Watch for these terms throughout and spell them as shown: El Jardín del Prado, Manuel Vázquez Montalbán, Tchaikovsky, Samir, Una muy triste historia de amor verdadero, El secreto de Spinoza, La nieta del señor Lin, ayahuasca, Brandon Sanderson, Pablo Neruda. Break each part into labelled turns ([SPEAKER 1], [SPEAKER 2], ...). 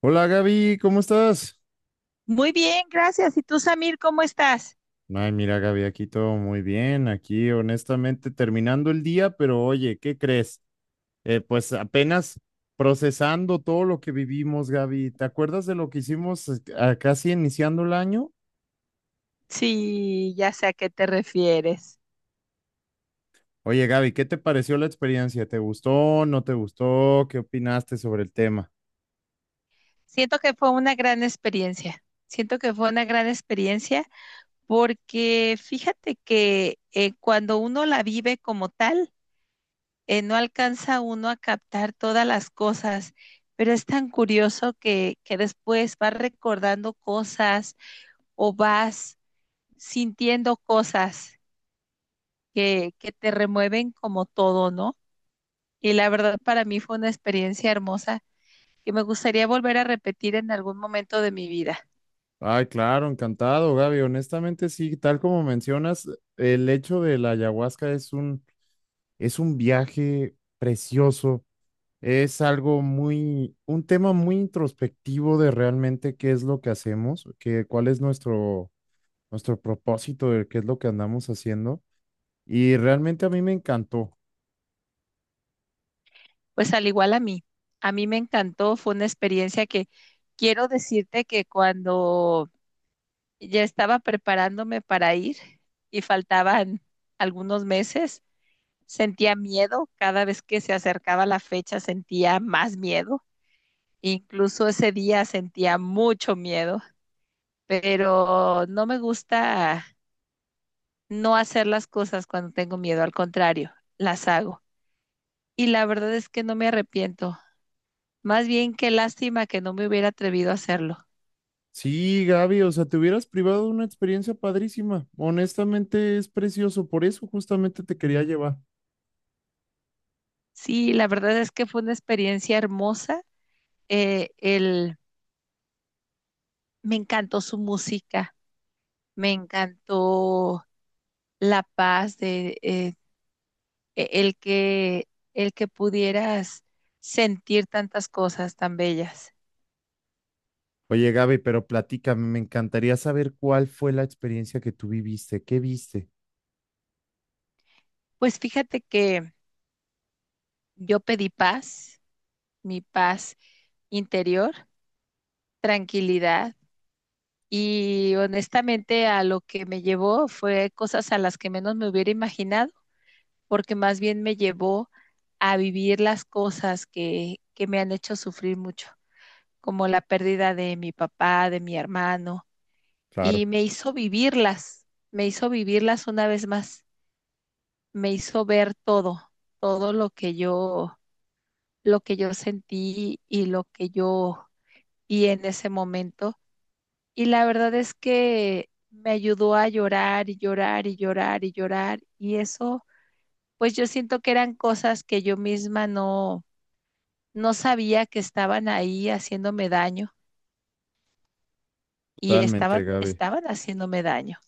[SPEAKER 1] Hola Gaby, ¿cómo estás?
[SPEAKER 2] Muy bien, gracias. ¿Y tú, Samir, cómo estás?
[SPEAKER 1] Ay, mira Gaby, aquí todo muy bien, aquí honestamente terminando el día, pero oye, ¿qué crees? Pues apenas procesando todo lo que vivimos, Gaby. ¿Te acuerdas de lo que hicimos casi iniciando el año?
[SPEAKER 2] Sí, ya sé a qué te refieres.
[SPEAKER 1] Oye Gaby, ¿qué te pareció la experiencia? ¿Te gustó? ¿No te gustó? ¿Qué opinaste sobre el tema?
[SPEAKER 2] Siento que fue una gran experiencia. Siento que fue una gran experiencia porque fíjate que cuando uno la vive como tal, no alcanza uno a captar todas las cosas, pero es tan curioso que después vas recordando cosas o vas sintiendo cosas que te remueven como todo, ¿no? Y la verdad para mí fue una experiencia hermosa que me gustaría volver a repetir en algún momento de mi vida.
[SPEAKER 1] Ay, claro, encantado, Gaby. Honestamente, sí, tal como mencionas, el hecho de la ayahuasca es un viaje precioso. Es algo muy, un tema muy introspectivo de realmente qué es lo que hacemos, que, nuestro propósito, de qué es lo que andamos haciendo. Y realmente a mí me encantó.
[SPEAKER 2] Pues al igual a mí me encantó, fue una experiencia que quiero decirte que cuando ya estaba preparándome para ir y faltaban algunos meses, sentía miedo. Cada vez que se acercaba la fecha sentía más miedo, incluso ese día sentía mucho miedo, pero no me gusta no hacer las cosas cuando tengo miedo, al contrario, las hago. Y la verdad es que no me arrepiento. Más bien qué lástima que no me hubiera atrevido a hacerlo.
[SPEAKER 1] Sí, Gaby, o sea, te hubieras privado de una experiencia padrísima. Honestamente es precioso, por eso justamente te quería llevar.
[SPEAKER 2] Sí, la verdad es que fue una experiencia hermosa. Eh, el, me encantó su música, me encantó la paz de e-, el que el que pudieras sentir tantas cosas tan bellas.
[SPEAKER 1] Oye, Gaby, pero platícame, me encantaría saber cuál fue la experiencia que tú viviste, qué viste.
[SPEAKER 2] Pues fíjate que yo pedí paz, mi paz interior, tranquilidad, y honestamente a lo que me llevó fue cosas a las que menos me hubiera imaginado, porque más bien me llevó a vivir las cosas que me han hecho sufrir mucho, como la pérdida de mi papá, de mi hermano, y
[SPEAKER 1] Claro,
[SPEAKER 2] me hizo vivirlas una vez más, me hizo ver todo, todo lo que yo sentí y lo que yo vi en ese momento. Y la verdad es que me ayudó a llorar y llorar y llorar y llorar. Y eso, pues yo siento que eran cosas que yo misma no sabía que estaban ahí haciéndome daño, y
[SPEAKER 1] totalmente,
[SPEAKER 2] estaban,
[SPEAKER 1] Gaby.
[SPEAKER 2] estaban haciéndome daño.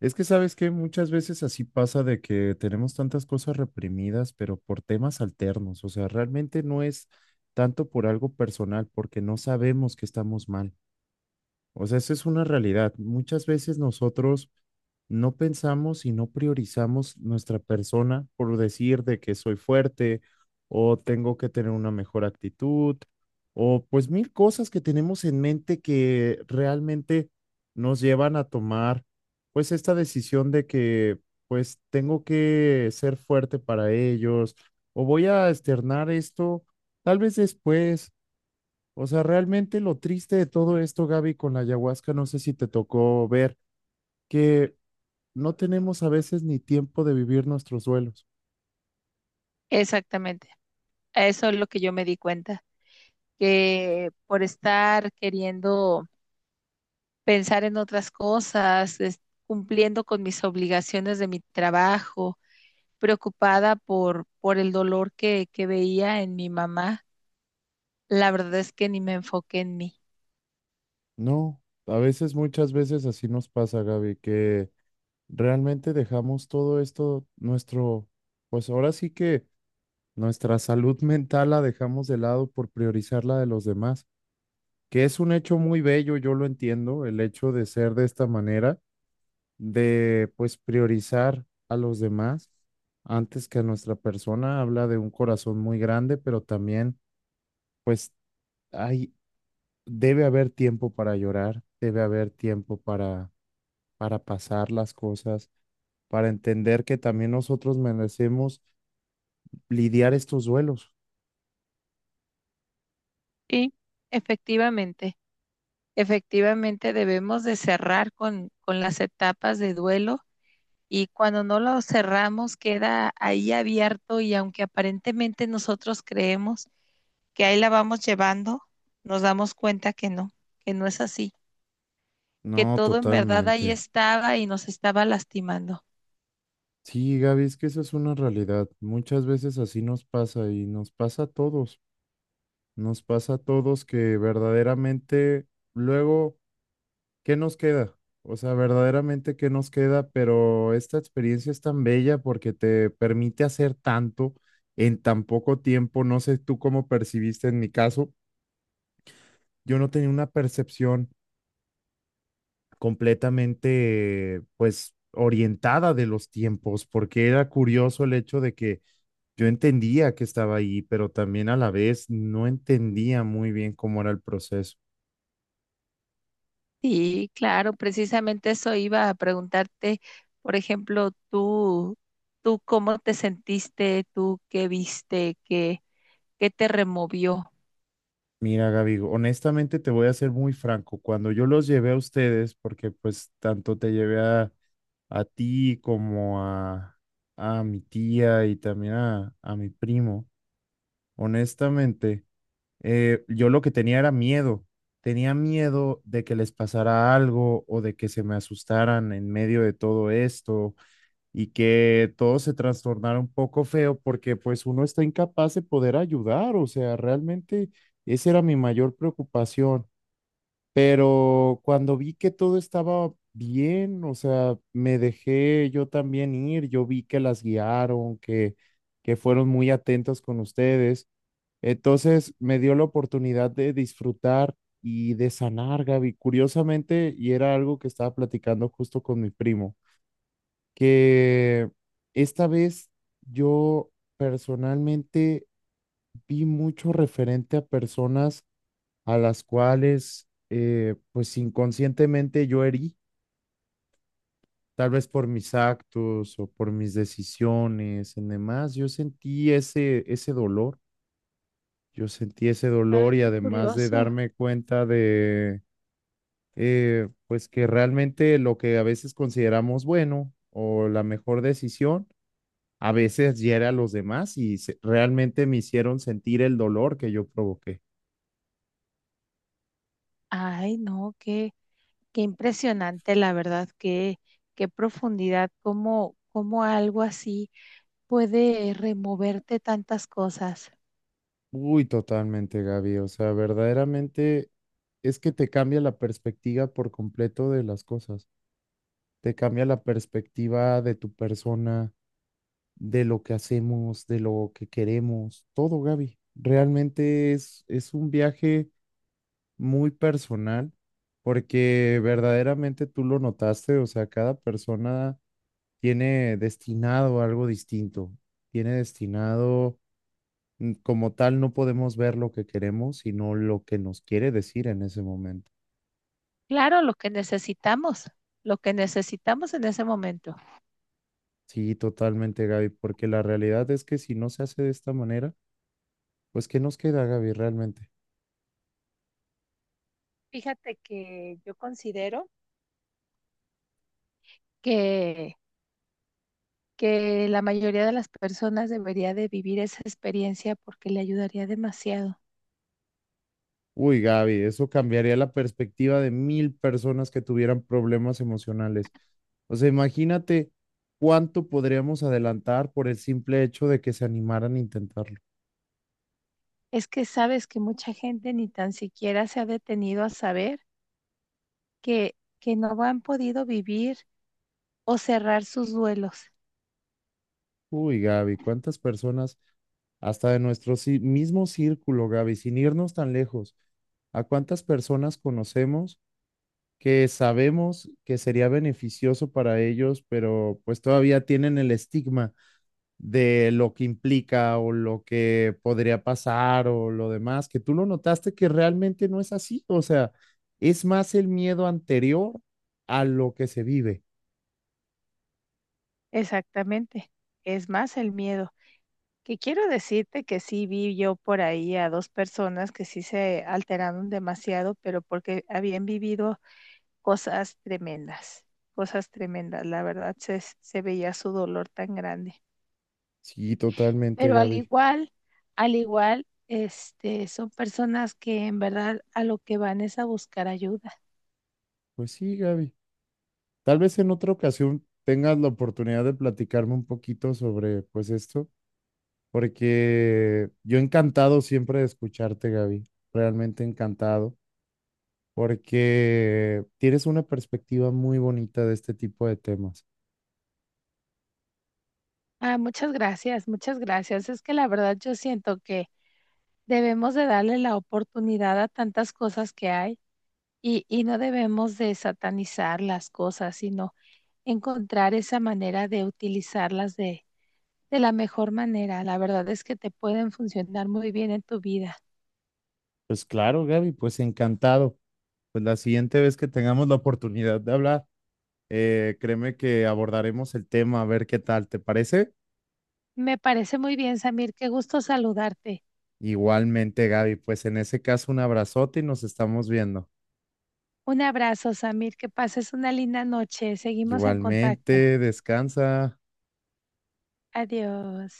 [SPEAKER 1] Es que sabes que muchas veces así pasa de que tenemos tantas cosas reprimidas, pero por temas alternos. O sea, realmente no es tanto por algo personal, porque no sabemos que estamos mal. O sea, esa es una realidad. Muchas veces nosotros no pensamos y no priorizamos nuestra persona por decir de que soy fuerte o tengo que tener una mejor actitud o pues mil cosas que tenemos en mente que realmente nos llevan a tomar pues esta decisión de que pues tengo que ser fuerte para ellos o voy a externar esto tal vez después. O sea, realmente lo triste de todo esto, Gaby, con la ayahuasca, no sé si te tocó ver que no tenemos a veces ni tiempo de vivir nuestros duelos.
[SPEAKER 2] Exactamente. Eso es lo que yo me di cuenta, que por estar queriendo pensar en otras cosas, cumpliendo con mis obligaciones de mi trabajo, preocupada por el dolor que veía en mi mamá. La verdad es que ni me enfoqué en mí.
[SPEAKER 1] No, a veces, muchas veces así nos pasa, Gaby, que realmente dejamos todo esto, nuestro, pues ahora sí que nuestra salud mental la dejamos de lado por priorizar la de los demás, que es un hecho muy bello, yo lo entiendo, el hecho de ser de esta manera de pues priorizar a los demás antes que a nuestra persona. Habla de un corazón muy grande, pero también pues hay, debe haber tiempo para llorar, debe haber tiempo para pasar las cosas, para entender que también nosotros merecemos lidiar estos duelos.
[SPEAKER 2] Y efectivamente, efectivamente debemos de cerrar con las etapas de duelo, y cuando no lo cerramos queda ahí abierto, y aunque aparentemente nosotros creemos que ahí la vamos llevando, nos damos cuenta que no es así, que
[SPEAKER 1] No,
[SPEAKER 2] todo en verdad ahí
[SPEAKER 1] totalmente.
[SPEAKER 2] estaba y nos estaba lastimando.
[SPEAKER 1] Sí, Gaby, es que esa es una realidad. Muchas veces así nos pasa y nos pasa a todos. Nos pasa a todos que verdaderamente luego ¿qué nos queda? O sea, verdaderamente, ¿qué nos queda? Pero esta experiencia es tan bella porque te permite hacer tanto en tan poco tiempo. No sé tú cómo percibiste en mi caso. Yo no tenía una percepción completamente, pues, orientada de los tiempos, porque era curioso el hecho de que yo entendía que estaba ahí, pero también a la vez no entendía muy bien cómo era el proceso.
[SPEAKER 2] Sí, claro, precisamente eso iba a preguntarte. Por ejemplo, tú cómo te sentiste, tú qué viste, qué, qué te removió.
[SPEAKER 1] Mira, Gaby, honestamente te voy a ser muy franco. Cuando yo los llevé a ustedes, porque pues tanto te llevé a ti como a mi tía y también a mi primo, honestamente, yo lo que tenía era miedo. Tenía miedo de que les pasara algo o de que se me asustaran en medio de todo esto y que todo se trastornara un poco feo porque pues uno está incapaz de poder ayudar, o sea, realmente esa era mi mayor preocupación, pero cuando vi que todo estaba bien, o sea, me dejé yo también ir, yo vi que las guiaron, que fueron muy atentos con ustedes, entonces me dio la oportunidad de disfrutar. Y de sanar, Gaby, curiosamente, y era algo que estaba platicando justo con mi primo que esta vez yo personalmente vi mucho referente a personas a las cuales pues inconscientemente yo herí, tal vez por mis actos o por mis decisiones y demás, yo sentí ese dolor, yo sentí ese
[SPEAKER 2] Ah,
[SPEAKER 1] dolor y
[SPEAKER 2] qué
[SPEAKER 1] además de
[SPEAKER 2] curioso.
[SPEAKER 1] darme cuenta de pues que realmente lo que a veces consideramos bueno o la mejor decisión, a veces hiere a los demás realmente me hicieron sentir el dolor que yo provoqué.
[SPEAKER 2] Ay, no, qué, qué impresionante, la verdad, qué, qué profundidad, cómo, cómo algo así puede removerte tantas cosas.
[SPEAKER 1] Uy, totalmente, Gaby. O sea, verdaderamente es que te cambia la perspectiva por completo de las cosas. Te cambia la perspectiva de tu persona, de lo que hacemos, de lo que queremos, todo, Gaby. Realmente es un viaje muy personal porque verdaderamente tú lo notaste, o sea, cada persona tiene destinado algo distinto, tiene destinado, como tal, no podemos ver lo que queremos, sino lo que nos quiere decir en ese momento.
[SPEAKER 2] Claro, lo que necesitamos en ese momento.
[SPEAKER 1] Sí, totalmente, Gaby, porque la realidad es que si no se hace de esta manera, pues ¿qué nos queda, Gaby, realmente?
[SPEAKER 2] Fíjate que yo considero que la mayoría de las personas debería de vivir esa experiencia porque le ayudaría demasiado.
[SPEAKER 1] Uy, Gaby, eso cambiaría la perspectiva de mil personas que tuvieran problemas emocionales. O sea, imagínate cuánto podríamos adelantar por el simple hecho de que se animaran a intentar.
[SPEAKER 2] Es que sabes que mucha gente ni tan siquiera se ha detenido a saber que no han podido vivir o cerrar sus duelos.
[SPEAKER 1] Uy, Gaby, ¿cuántas personas, hasta de nuestro mismo círculo, Gaby, sin irnos tan lejos, a cuántas personas conocemos que sabemos que sería beneficioso para ellos, pero pues todavía tienen el estigma de lo que implica o lo que podría pasar o lo demás, que tú lo notaste que realmente no es así, o sea, es más el miedo anterior a lo que se vive.
[SPEAKER 2] Exactamente. Es más el miedo. Que quiero decirte que sí vi yo por ahí a dos personas que sí se alteraron demasiado, pero porque habían vivido cosas tremendas, cosas tremendas. La verdad se, se veía su dolor tan grande.
[SPEAKER 1] Sí, totalmente,
[SPEAKER 2] Pero
[SPEAKER 1] Gaby.
[SPEAKER 2] al igual, este, son personas que en verdad a lo que van es a buscar ayuda.
[SPEAKER 1] Pues sí, Gaby. Tal vez en otra ocasión tengas la oportunidad de platicarme un poquito sobre pues esto, porque yo encantado siempre de escucharte, Gaby, realmente encantado, porque tienes una perspectiva muy bonita de este tipo de temas.
[SPEAKER 2] Ah, muchas gracias, muchas gracias. Es que la verdad yo siento que debemos de darle la oportunidad a tantas cosas que hay, y no debemos de satanizar las cosas, sino encontrar esa manera de utilizarlas de la mejor manera. La verdad es que te pueden funcionar muy bien en tu vida.
[SPEAKER 1] Pues claro, Gaby, pues encantado. Pues la siguiente vez que tengamos la oportunidad de hablar, créeme que abordaremos el tema a ver qué tal, ¿te parece?
[SPEAKER 2] Me parece muy bien, Samir, qué gusto saludarte.
[SPEAKER 1] Igualmente, Gaby, pues en ese caso un abrazote y nos estamos viendo.
[SPEAKER 2] Un abrazo, Samir. Que pases una linda noche. Seguimos en contacto.
[SPEAKER 1] Igualmente, descansa.
[SPEAKER 2] Adiós.